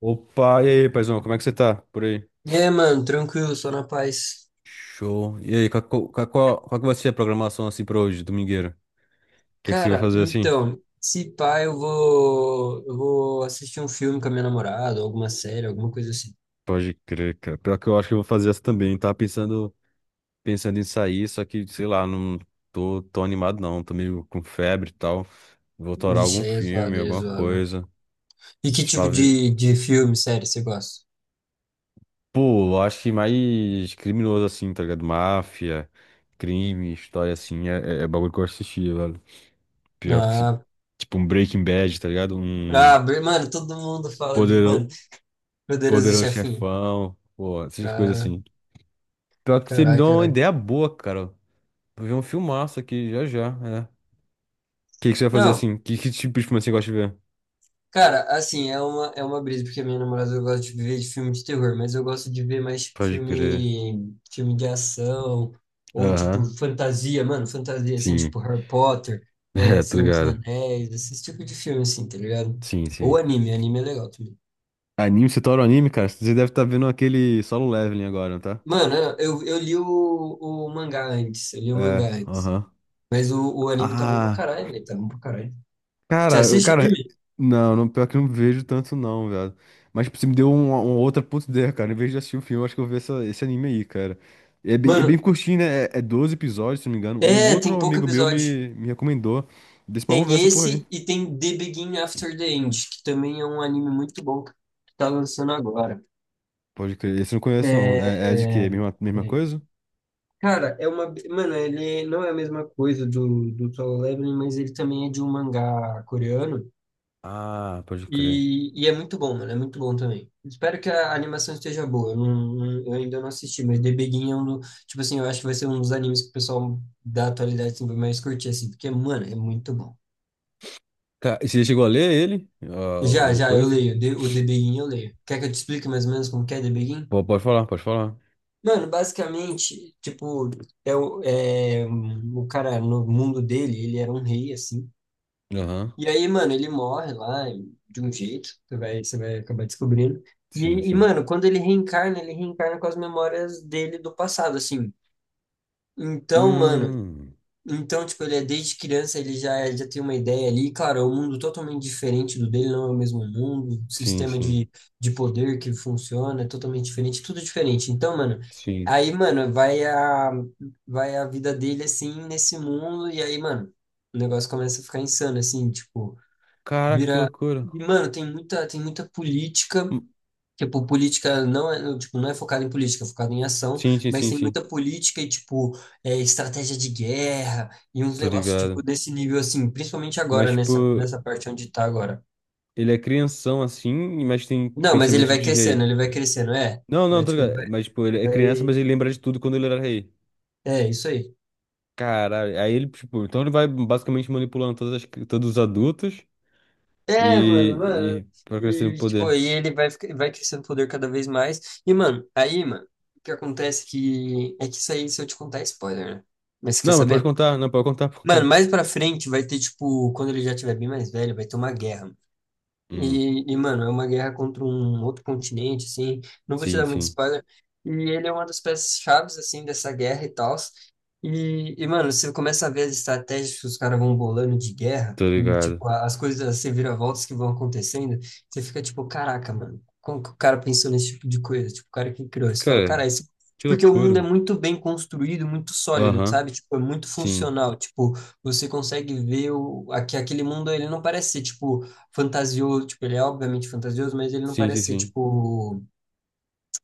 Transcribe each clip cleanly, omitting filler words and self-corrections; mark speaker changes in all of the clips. Speaker 1: Opa, e aí, paizão, como é que você tá por aí?
Speaker 2: É, mano, tranquilo, só na paz.
Speaker 1: Show. E aí, qual que vai ser a programação assim pra hoje, domingueira? O que é que você vai
Speaker 2: Cara,
Speaker 1: fazer assim?
Speaker 2: então, se pá, eu vou assistir um filme com a minha namorada, alguma série, alguma coisa assim.
Speaker 1: Pode crer, cara. Pior que eu acho que eu vou fazer essa também. Tava pensando em sair, só que, sei lá, não tô animado não. Tô meio com febre e tal. Vou torar
Speaker 2: Vixe,
Speaker 1: algum
Speaker 2: aí é
Speaker 1: filme,
Speaker 2: zoado, aí é
Speaker 1: alguma
Speaker 2: zoado.
Speaker 1: coisa.
Speaker 2: E que tipo
Speaker 1: Tipo,
Speaker 2: de filme, série você gosta?
Speaker 1: pô, eu acho que mais criminoso assim, tá ligado? Máfia, crime, história assim, é bagulho que eu assisti, velho. Pior que,
Speaker 2: Ah,
Speaker 1: tipo, um Breaking Bad, tá ligado? Um
Speaker 2: Mano, todo mundo fala de,
Speaker 1: Podero-
Speaker 2: mano, Poderoso
Speaker 1: Poderoso
Speaker 2: Chefinho.
Speaker 1: Chefão, pô, essas coisas
Speaker 2: Ah,
Speaker 1: assim. Pior que você me
Speaker 2: carai,
Speaker 1: deu uma
Speaker 2: carai.
Speaker 1: ideia boa, cara. Vou ver um filmaço aqui já já, é. O que você vai fazer
Speaker 2: Não,
Speaker 1: assim? Que tipo de filme você gosta de ver?
Speaker 2: cara, assim, é uma brisa, porque a minha namorada gosta de ver de filme de terror, mas eu gosto de ver mais tipo,
Speaker 1: Pode crer.
Speaker 2: filme, filme de ação, ou tipo
Speaker 1: Aham,
Speaker 2: fantasia, mano, fantasia, assim,
Speaker 1: sim.
Speaker 2: tipo Harry Potter, é,
Speaker 1: É, tá
Speaker 2: Senhor dos
Speaker 1: ligado.
Speaker 2: Anéis, esse tipo de filme, assim, tá ligado?
Speaker 1: Sim,
Speaker 2: Ou
Speaker 1: sim.
Speaker 2: anime, anime é legal também.
Speaker 1: Anime, você torna anime, cara? Você deve estar vendo aquele Solo Leveling agora, tá?
Speaker 2: Mano, eu li o mangá antes, eu li o mangá
Speaker 1: É,
Speaker 2: antes,
Speaker 1: aham.
Speaker 2: mas o anime tá bom pra
Speaker 1: Ah.
Speaker 2: caralho, velho, tá bom pra caralho. Você
Speaker 1: Cara,
Speaker 2: assiste
Speaker 1: cara,
Speaker 2: anime?
Speaker 1: não, não, pior que eu não vejo tanto não, velho. Mas tipo, você me deu uma outra puta ideia, cara. Em vez de assistir o filme, eu acho que eu vou ver esse anime aí, cara. É bem
Speaker 2: Mano,
Speaker 1: curtinho, né? É 12 episódios, se não me engano. Um
Speaker 2: é, tem
Speaker 1: outro
Speaker 2: pouco
Speaker 1: amigo meu
Speaker 2: episódio.
Speaker 1: me recomendou. Desse pra eu ver
Speaker 2: Tem
Speaker 1: essa porra aí.
Speaker 2: esse e tem The Begin After the End, que também é um anime muito bom que tá lançando agora.
Speaker 1: Pode crer. Esse eu não conheço, não. É de quê?
Speaker 2: É...
Speaker 1: Mesma
Speaker 2: Peraí.
Speaker 1: coisa?
Speaker 2: Cara, é uma. Mano, ele não é a mesma coisa do, do Solo Leveling, mas ele também é de um mangá coreano.
Speaker 1: Ah, pode crer.
Speaker 2: E é muito bom, mano. É muito bom também. Espero que a animação esteja boa. Eu ainda não assisti, mas The Begin é um. Do- Tipo assim, eu acho que vai ser um dos animes que o pessoal da atualidade assim, vai mais curtir, assim, porque, mano, é muito bom.
Speaker 1: E você chegou a ler ele? Ah,
Speaker 2: Já,
Speaker 1: o
Speaker 2: já, eu
Speaker 1: coisa?
Speaker 2: leio. De- O The Begin eu leio. Quer que eu te explique mais ou menos como que é The Begin?
Speaker 1: Pô, pode falar, pode falar.
Speaker 2: Mano, basicamente, tipo, é o, é, um, o cara no mundo dele, ele era um rei, assim.
Speaker 1: Aham.
Speaker 2: E aí, mano, ele morre lá e- de um jeito, você vai acabar descobrindo.
Speaker 1: Sim,
Speaker 2: E,
Speaker 1: sim.
Speaker 2: mano, quando ele reencarna com as memórias dele do passado, assim. Então, mano,
Speaker 1: Hum,
Speaker 2: então, tipo, ele é desde criança, ele já, já tem uma ideia ali. Claro, é um mundo totalmente diferente do dele, não é o mesmo mundo. O
Speaker 1: sim,
Speaker 2: sistema
Speaker 1: sim.
Speaker 2: de poder que funciona é totalmente diferente, tudo diferente. Então, mano,
Speaker 1: Sim.
Speaker 2: aí, mano, vai a, vai a vida dele, assim, nesse mundo. E aí, mano, o negócio começa a ficar insano, assim, tipo,
Speaker 1: Caraca, que
Speaker 2: vira...
Speaker 1: loucura.
Speaker 2: E, mano, tem muita política. Tipo, política não é, tipo, não é focada em política, é focada em ação,
Speaker 1: Sim, sim,
Speaker 2: mas
Speaker 1: sim,
Speaker 2: tem
Speaker 1: sim.
Speaker 2: muita política e, tipo, é, estratégia de guerra e uns
Speaker 1: Tô
Speaker 2: negócios, tipo,
Speaker 1: ligado.
Speaker 2: desse nível, assim, principalmente
Speaker 1: Mas,
Speaker 2: agora,
Speaker 1: tipo,
Speaker 2: nessa, nessa parte onde tá agora.
Speaker 1: ele é crianção assim, mas tem
Speaker 2: Não, mas
Speaker 1: pensamento de rei.
Speaker 2: ele vai crescendo, é.
Speaker 1: Não, não,
Speaker 2: Mas,
Speaker 1: tô
Speaker 2: tipo, ele
Speaker 1: ligado.
Speaker 2: vai,
Speaker 1: Mas, tipo, ele é criança, mas
Speaker 2: vai...
Speaker 1: ele lembra de tudo quando ele era rei.
Speaker 2: É, isso aí.
Speaker 1: Caralho. Aí ele, tipo, então ele vai basicamente manipulando todas as todos os adultos
Speaker 2: É, mano, mano.
Speaker 1: e pra crescer no
Speaker 2: E, tipo,
Speaker 1: poder.
Speaker 2: aí ele vai, fica- vai crescendo o poder cada vez mais. E, mano, aí, mano, o que acontece que... É que isso aí, se eu te contar, é spoiler, né? Mas você quer
Speaker 1: Não, mas pode
Speaker 2: saber?
Speaker 1: contar, não, pode contar, pode
Speaker 2: Mano,
Speaker 1: contar.
Speaker 2: mais pra frente vai ter, tipo, quando ele já tiver bem mais velho, vai ter uma guerra.
Speaker 1: Hum,
Speaker 2: E, mano, é uma guerra contra um outro continente, assim. Não vou te
Speaker 1: sim,
Speaker 2: dar muito
Speaker 1: sim.
Speaker 2: spoiler. E ele é uma das peças-chaves, assim, dessa guerra e tal. E, mano, você começa a ver as estratégias que os caras vão bolando de guerra
Speaker 1: Tô
Speaker 2: e,
Speaker 1: ligado.
Speaker 2: tipo, a- as coisas, as reviravoltas que vão acontecendo. Você fica, tipo, caraca, mano, como que o cara pensou nesse tipo de coisa? Tipo, o cara que criou. Você fala,
Speaker 1: Cara,
Speaker 2: cara, isso... é
Speaker 1: que
Speaker 2: porque o mundo é
Speaker 1: loucura.
Speaker 2: muito bem construído, muito sólido,
Speaker 1: Aham,
Speaker 2: sabe? Tipo, é muito
Speaker 1: sim.
Speaker 2: funcional. Tipo, você consegue ver o... aque- aquele mundo, ele não parece ser, tipo fantasioso, tipo, ele é obviamente fantasioso, mas ele não
Speaker 1: Sim, sim,
Speaker 2: parece ser,
Speaker 1: sim.
Speaker 2: tipo,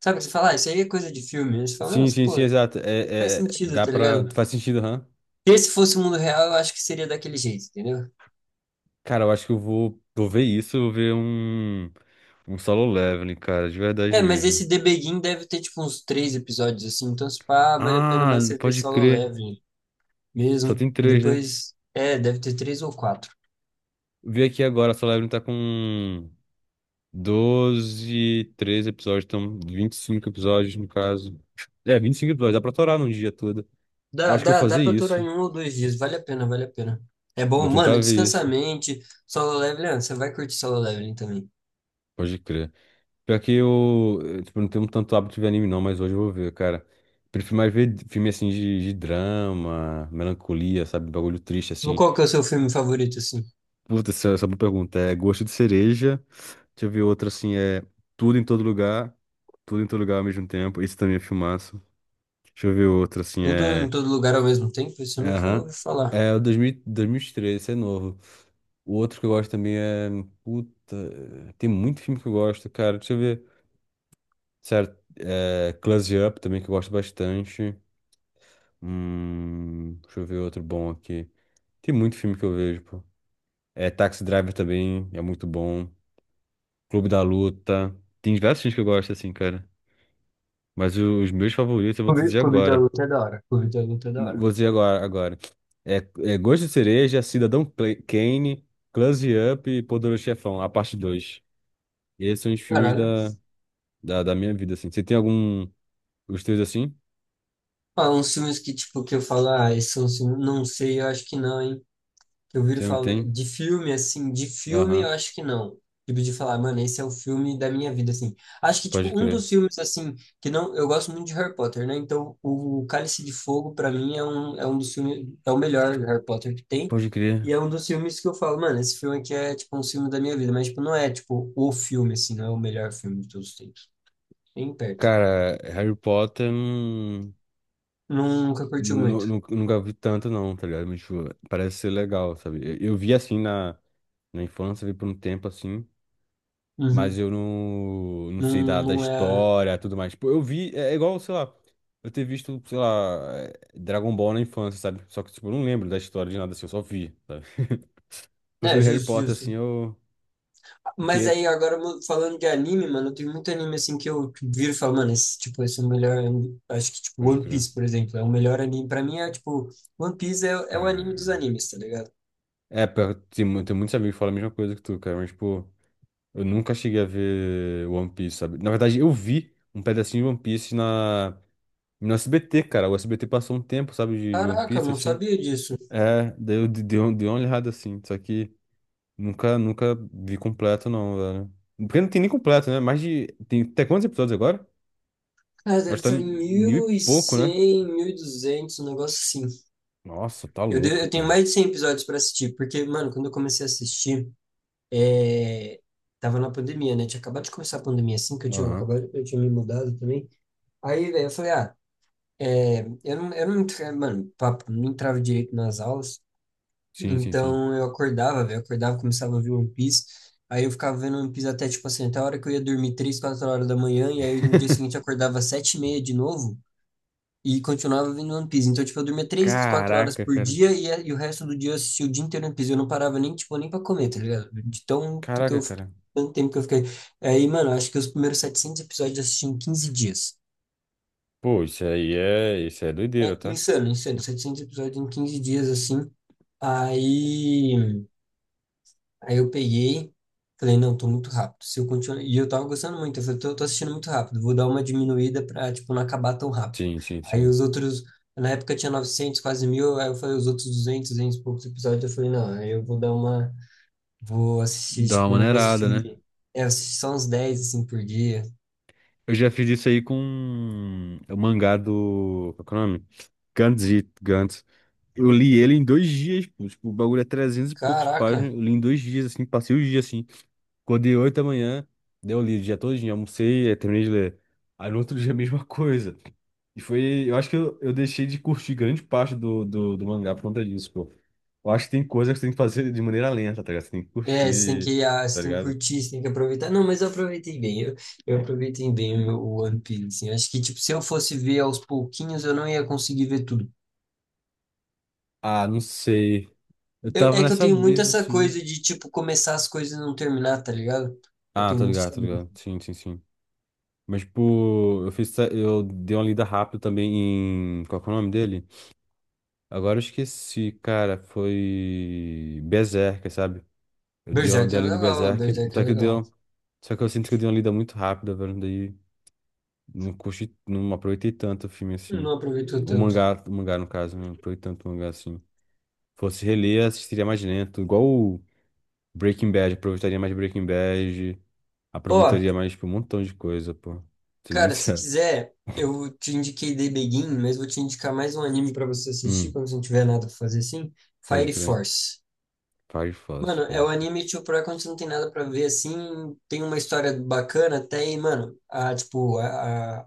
Speaker 2: sabe o que você fala? Ah, isso aí é coisa de filme. Aí você fala,
Speaker 1: Sim,
Speaker 2: nossa,
Speaker 1: sim, sim,
Speaker 2: pô, isso
Speaker 1: exato.
Speaker 2: faz sentido,
Speaker 1: Dá
Speaker 2: tá
Speaker 1: pra.
Speaker 2: ligado?
Speaker 1: Faz sentido, aham.
Speaker 2: Se esse fosse o mundo real, eu acho que seria daquele jeito, entendeu?
Speaker 1: Cara, eu acho que eu vou ver isso, eu vou ver um solo leveling, cara, de verdade
Speaker 2: É, mas
Speaker 1: mesmo.
Speaker 2: esse The Begin deve ter, tipo, uns três episódios, assim, então, se pá, vale a pena
Speaker 1: Ah,
Speaker 2: mais você ver
Speaker 1: pode
Speaker 2: solo
Speaker 1: crer.
Speaker 2: leve
Speaker 1: Só
Speaker 2: mesmo,
Speaker 1: tem
Speaker 2: e
Speaker 1: três, né?
Speaker 2: depois, é, deve ter três ou quatro.
Speaker 1: Vi aqui agora, solo leveling tá com 12 13 episódios, então 25 episódios no caso. É, 25 episódios, dá pra torar num dia todo. Eu
Speaker 2: Dá,
Speaker 1: acho que eu vou
Speaker 2: dá, dá
Speaker 1: fazer
Speaker 2: pra aturar
Speaker 1: isso.
Speaker 2: em um ou dois dias, vale a pena, vale a pena. É
Speaker 1: Vou
Speaker 2: bom,
Speaker 1: tentar
Speaker 2: mano,
Speaker 1: ver
Speaker 2: descansa a
Speaker 1: isso.
Speaker 2: mente, solo leveling, ah, você vai curtir solo leveling também.
Speaker 1: Pode crer. Pior que eu, tipo, não tenho tanto hábito de anime não, mas hoje eu vou ver, cara. Prefiro mais ver filme assim de drama, melancolia, sabe? Bagulho triste assim.
Speaker 2: Qual que é o seu filme favorito, assim?
Speaker 1: Puta, essa é uma boa pergunta. É Gosto de Cereja. Deixa eu ver outra assim, é tudo em todo lugar, tudo em todo lugar ao mesmo tempo. Isso também é filmaço. Deixa eu ver outra assim,
Speaker 2: Tudo em
Speaker 1: é.
Speaker 2: todo lugar ao mesmo tempo? Isso eu nunca
Speaker 1: Aham.
Speaker 2: ouvi falar.
Speaker 1: É o 2000 2003, esse é novo. O outro que eu gosto também é. Puta, tem muito filme que eu gosto, cara. Deixa eu ver. Sério, é Close Up também que eu gosto bastante. Deixa eu ver outro bom aqui. Tem muito filme que eu vejo, pô. É Taxi Driver também, é muito bom. Clube da Luta. Tem diversos filmes que eu gosto, assim, cara. Mas os meus favoritos eu vou te
Speaker 2: Clube,
Speaker 1: dizer
Speaker 2: Clube da
Speaker 1: agora.
Speaker 2: Luta é da hora. Clube da Luta é da hora.
Speaker 1: Vou dizer agora, agora. É, é Gosto de Cereja, Cidadão Kane, Close Up e Poderoso Chefão, a parte 2. Esses são os filmes
Speaker 2: Caralho.
Speaker 1: da minha vida, assim. Você tem algum... Os teus, assim?
Speaker 2: Ah, uns filmes que, tipo, que eu falo, ah, esse é um não sei, eu acho que não, hein? Que eu viro
Speaker 1: Você não
Speaker 2: falar
Speaker 1: tem?
Speaker 2: de filme, assim, de filme eu
Speaker 1: Aham,
Speaker 2: acho que não. Tipo, de falar, mano, esse é o filme da minha vida, assim. Acho que,
Speaker 1: pode
Speaker 2: tipo, um
Speaker 1: crer.
Speaker 2: dos filmes, assim, que não. Eu gosto muito de Harry Potter, né? Então, o Cálice de Fogo, pra mim, é um dos filmes. É o melhor Harry Potter que tem.
Speaker 1: Pode crer.
Speaker 2: E é um dos filmes que eu falo, mano, esse filme aqui é, tipo, um filme da minha vida. Mas, tipo, não é, tipo, o filme, assim, não é o melhor filme de todos os tempos. Nem perto.
Speaker 1: Cara, Harry Potter...
Speaker 2: Nunca curtiu muito.
Speaker 1: Nunca vi tanto, não, tá ligado? Mas, tipo, parece ser legal, sabe? Eu vi assim na infância, vi por um tempo assim, mas
Speaker 2: Uhum.
Speaker 1: eu não, sei da,
Speaker 2: Não,
Speaker 1: da
Speaker 2: não é.
Speaker 1: história, tudo mais. Tipo, eu vi, é igual, sei lá, eu ter visto, sei lá, Dragon Ball na infância, sabe? Só que, tipo, eu não lembro da história de nada assim, eu só vi, sabe? Mas se
Speaker 2: É,
Speaker 1: vi Harry
Speaker 2: justo,
Speaker 1: Potter assim,
Speaker 2: justo.
Speaker 1: eu
Speaker 2: Mas
Speaker 1: teria.
Speaker 2: aí, agora mu- falando de anime, mano, tem muito anime assim que eu viro e falo, mano, esse, tipo, esse é o melhor. Anime. Acho que, tipo,
Speaker 1: Hoje,
Speaker 2: One
Speaker 1: cara.
Speaker 2: Piece, por exemplo, é o melhor anime. Pra mim é, tipo, One Piece é, é o anime dos
Speaker 1: Cara.
Speaker 2: animes, tá ligado?
Speaker 1: É, tem, tem muitos amigos que falam a mesma coisa que tu, cara, mas, tipo, eu nunca cheguei a ver One Piece, sabe? Na verdade, eu vi um pedacinho de One Piece na. No SBT, cara, o SBT passou um tempo, sabe, de One
Speaker 2: Caraca, eu
Speaker 1: Piece,
Speaker 2: não
Speaker 1: assim.
Speaker 2: sabia disso.
Speaker 1: É, deu uma olhada assim, só que nunca vi completo não, velho. Porque não tem nem completo, né? Mais de... Tem até quantos episódios agora?
Speaker 2: Cara, deve
Speaker 1: Acho que tá
Speaker 2: estar
Speaker 1: em
Speaker 2: em
Speaker 1: mil e pouco, né?
Speaker 2: 1100, duzentos um negócio assim.
Speaker 1: Nossa, tá louco,
Speaker 2: Eu tenho
Speaker 1: cara.
Speaker 2: mais de 100 episódios pra assistir, porque, mano, quando eu comecei a assistir, é, tava na pandemia, né? Tinha acabado de começar a pandemia assim, que eu tinha
Speaker 1: Aham.
Speaker 2: acabado, eu tinha me mudado também. Aí, velho, eu falei, ah, É, eu não, entra- mano, papo, não entrava direito nas aulas,
Speaker 1: Sim, sim, sim.
Speaker 2: então eu acordava, velho, acordava, começava a ver One Piece, aí eu ficava vendo One Piece até, tipo assim, até a hora que eu ia dormir, 3, 4 horas da manhã, e aí no dia seguinte eu acordava às 7:30 de novo, e continuava vendo One Piece, então, tipo, eu dormia três, quatro horas
Speaker 1: Caraca,
Speaker 2: por
Speaker 1: cara.
Speaker 2: dia, e, a- e o resto do dia eu assistia o dia inteiro One Piece, eu não parava nem, tipo, nem pra comer, tá ligado? De tão, que
Speaker 1: Caraca,
Speaker 2: eu, fi-
Speaker 1: cara.
Speaker 2: Tanto tempo que eu fiquei, aí, mano, acho que os primeiros 700 episódios eu assisti em 15 dias.
Speaker 1: Pô, isso é doideira,
Speaker 2: É
Speaker 1: tá?
Speaker 2: insano, insano. 700 episódios em 15 dias, assim. Aí, aí eu peguei, falei, não, tô muito rápido. Se eu continuar... E eu tava gostando muito. Eu falei, tô assistindo muito rápido. Vou dar uma diminuída pra, tipo, não acabar tão rápido.
Speaker 1: Sim, sim,
Speaker 2: Aí
Speaker 1: sim.
Speaker 2: os outros... Na época tinha 900, quase mil. Aí eu falei, os outros 200 200 e poucos episódios. Eu falei, não, aí eu vou dar uma... Vou assistir,
Speaker 1: Dá uma
Speaker 2: tipo, eu não vou
Speaker 1: maneirada, né?
Speaker 2: assistir... É, eu assisti só uns 10 assim, por dia.
Speaker 1: Eu já fiz isso aí com o mangá do. Qual que é o nome? Gantz. Eu li ele em 2 dias, pô. Tipo, o bagulho é 300 e poucos
Speaker 2: Caraca,
Speaker 1: páginas. Eu li em 2 dias, assim, passei o dia, assim. Acordei 8 da manhã, deu li o dia todinho, almocei, aí terminei de ler. Aí no outro dia a mesma coisa. E foi. Eu acho que eu deixei de curtir grande parte do mangá por conta disso, pô. Eu acho que tem coisas que você tem que fazer de maneira lenta, tá ligado? Você tem que
Speaker 2: é, você tem
Speaker 1: curtir,
Speaker 2: que, ah, você
Speaker 1: tá
Speaker 2: tem que
Speaker 1: ligado?
Speaker 2: curtir, você tem que aproveitar. Não, mas eu aproveitei bem. Eu aproveitei bem o One Piece. Assim. Acho que, tipo, se eu fosse ver aos pouquinhos, eu não ia conseguir ver tudo.
Speaker 1: Ah, não sei. Eu
Speaker 2: Eu-
Speaker 1: tava
Speaker 2: é que eu
Speaker 1: nessa
Speaker 2: tenho muito
Speaker 1: brisa,
Speaker 2: essa
Speaker 1: assim.
Speaker 2: coisa de, tipo, começar as coisas e não terminar, tá ligado? Eu
Speaker 1: Ah,
Speaker 2: tenho
Speaker 1: tô
Speaker 2: muito
Speaker 1: ligado,
Speaker 2: essa
Speaker 1: tô
Speaker 2: brisa.
Speaker 1: ligado. Sim, sim, sim. Mas, tipo, eu dei uma lida rápida também Qual que é o nome dele? Agora eu esqueci, cara. Foi. Berserk, sabe? Eu dei uma,
Speaker 2: Berserk
Speaker 1: dei
Speaker 2: é
Speaker 1: uma lida em
Speaker 2: legal,
Speaker 1: Berserk.
Speaker 2: Berserk é legal.
Speaker 1: Só que eu sinto que eu dei uma lida muito rápida, velho. Daí não curti, não aproveitei tanto o filme assim.
Speaker 2: Não aproveitou tanto.
Speaker 1: O mangá, no caso, né, não aproveitei tanto o mangá assim. Fosse reler, assistiria mais lento. Igual o Breaking Bad, aproveitaria mais Breaking Bad.
Speaker 2: Ó,
Speaker 1: Aproveitaria mais, tipo, um montão de coisa, pô. Ser bem
Speaker 2: cara, se
Speaker 1: sincero.
Speaker 2: quiser, eu te indiquei The Begin, mas vou te indicar mais um anime pra você assistir
Speaker 1: Hum,
Speaker 2: quando você não tiver nada pra fazer assim.
Speaker 1: pode
Speaker 2: Fire
Speaker 1: crer.
Speaker 2: Force.
Speaker 1: Fire Fox,
Speaker 2: Mano, é
Speaker 1: pode
Speaker 2: o
Speaker 1: crer.
Speaker 2: anime, tipo, pra quando você não tem nada pra ver, assim, tem uma história bacana até e, mano, a, tipo,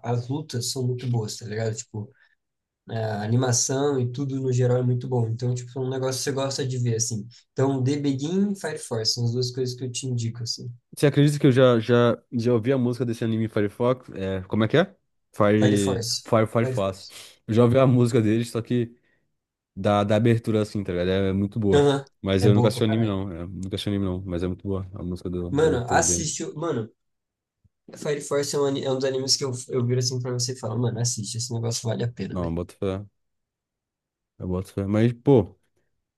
Speaker 2: a- as lutas são muito boas, tá ligado? Tipo, é, a animação e tudo no geral é muito bom. Então, tipo, é um negócio que você gosta de ver, assim. Então, The Begin e Fire Force são as duas coisas que eu te indico, assim.
Speaker 1: Você acredita que eu já ouvi a música desse anime Fire Fox? É, como é que é?
Speaker 2: Fire
Speaker 1: Fire,
Speaker 2: Force.
Speaker 1: Fire
Speaker 2: Fire
Speaker 1: Fox.
Speaker 2: Force.
Speaker 1: Eu já ouvi a música dele, só que da abertura assim, tá ligado? É muito boa.
Speaker 2: Aham.
Speaker 1: Mas
Speaker 2: É
Speaker 1: eu nunca
Speaker 2: boa pra
Speaker 1: assisti o anime,
Speaker 2: caralho.
Speaker 1: não. Nunca assisti o anime, não. Mas é muito boa a música da abertura dele.
Speaker 2: Mano, Fire Force é um, ani- é um dos animes que eu viro assim pra você e falo, mano, assiste, esse negócio vale a pena,
Speaker 1: Não, eu
Speaker 2: velho.
Speaker 1: boto fé. Eu boto fé. Mas, pô,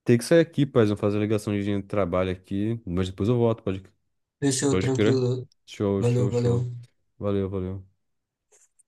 Speaker 1: tem que sair aqui, paz. Eu vou fazer a ligação de trabalho aqui. Mas depois eu volto, pode,
Speaker 2: Fechou,
Speaker 1: pode crer.
Speaker 2: tranquilo.
Speaker 1: Show,
Speaker 2: Valeu,
Speaker 1: show, show.
Speaker 2: valeu.
Speaker 1: Valeu, valeu.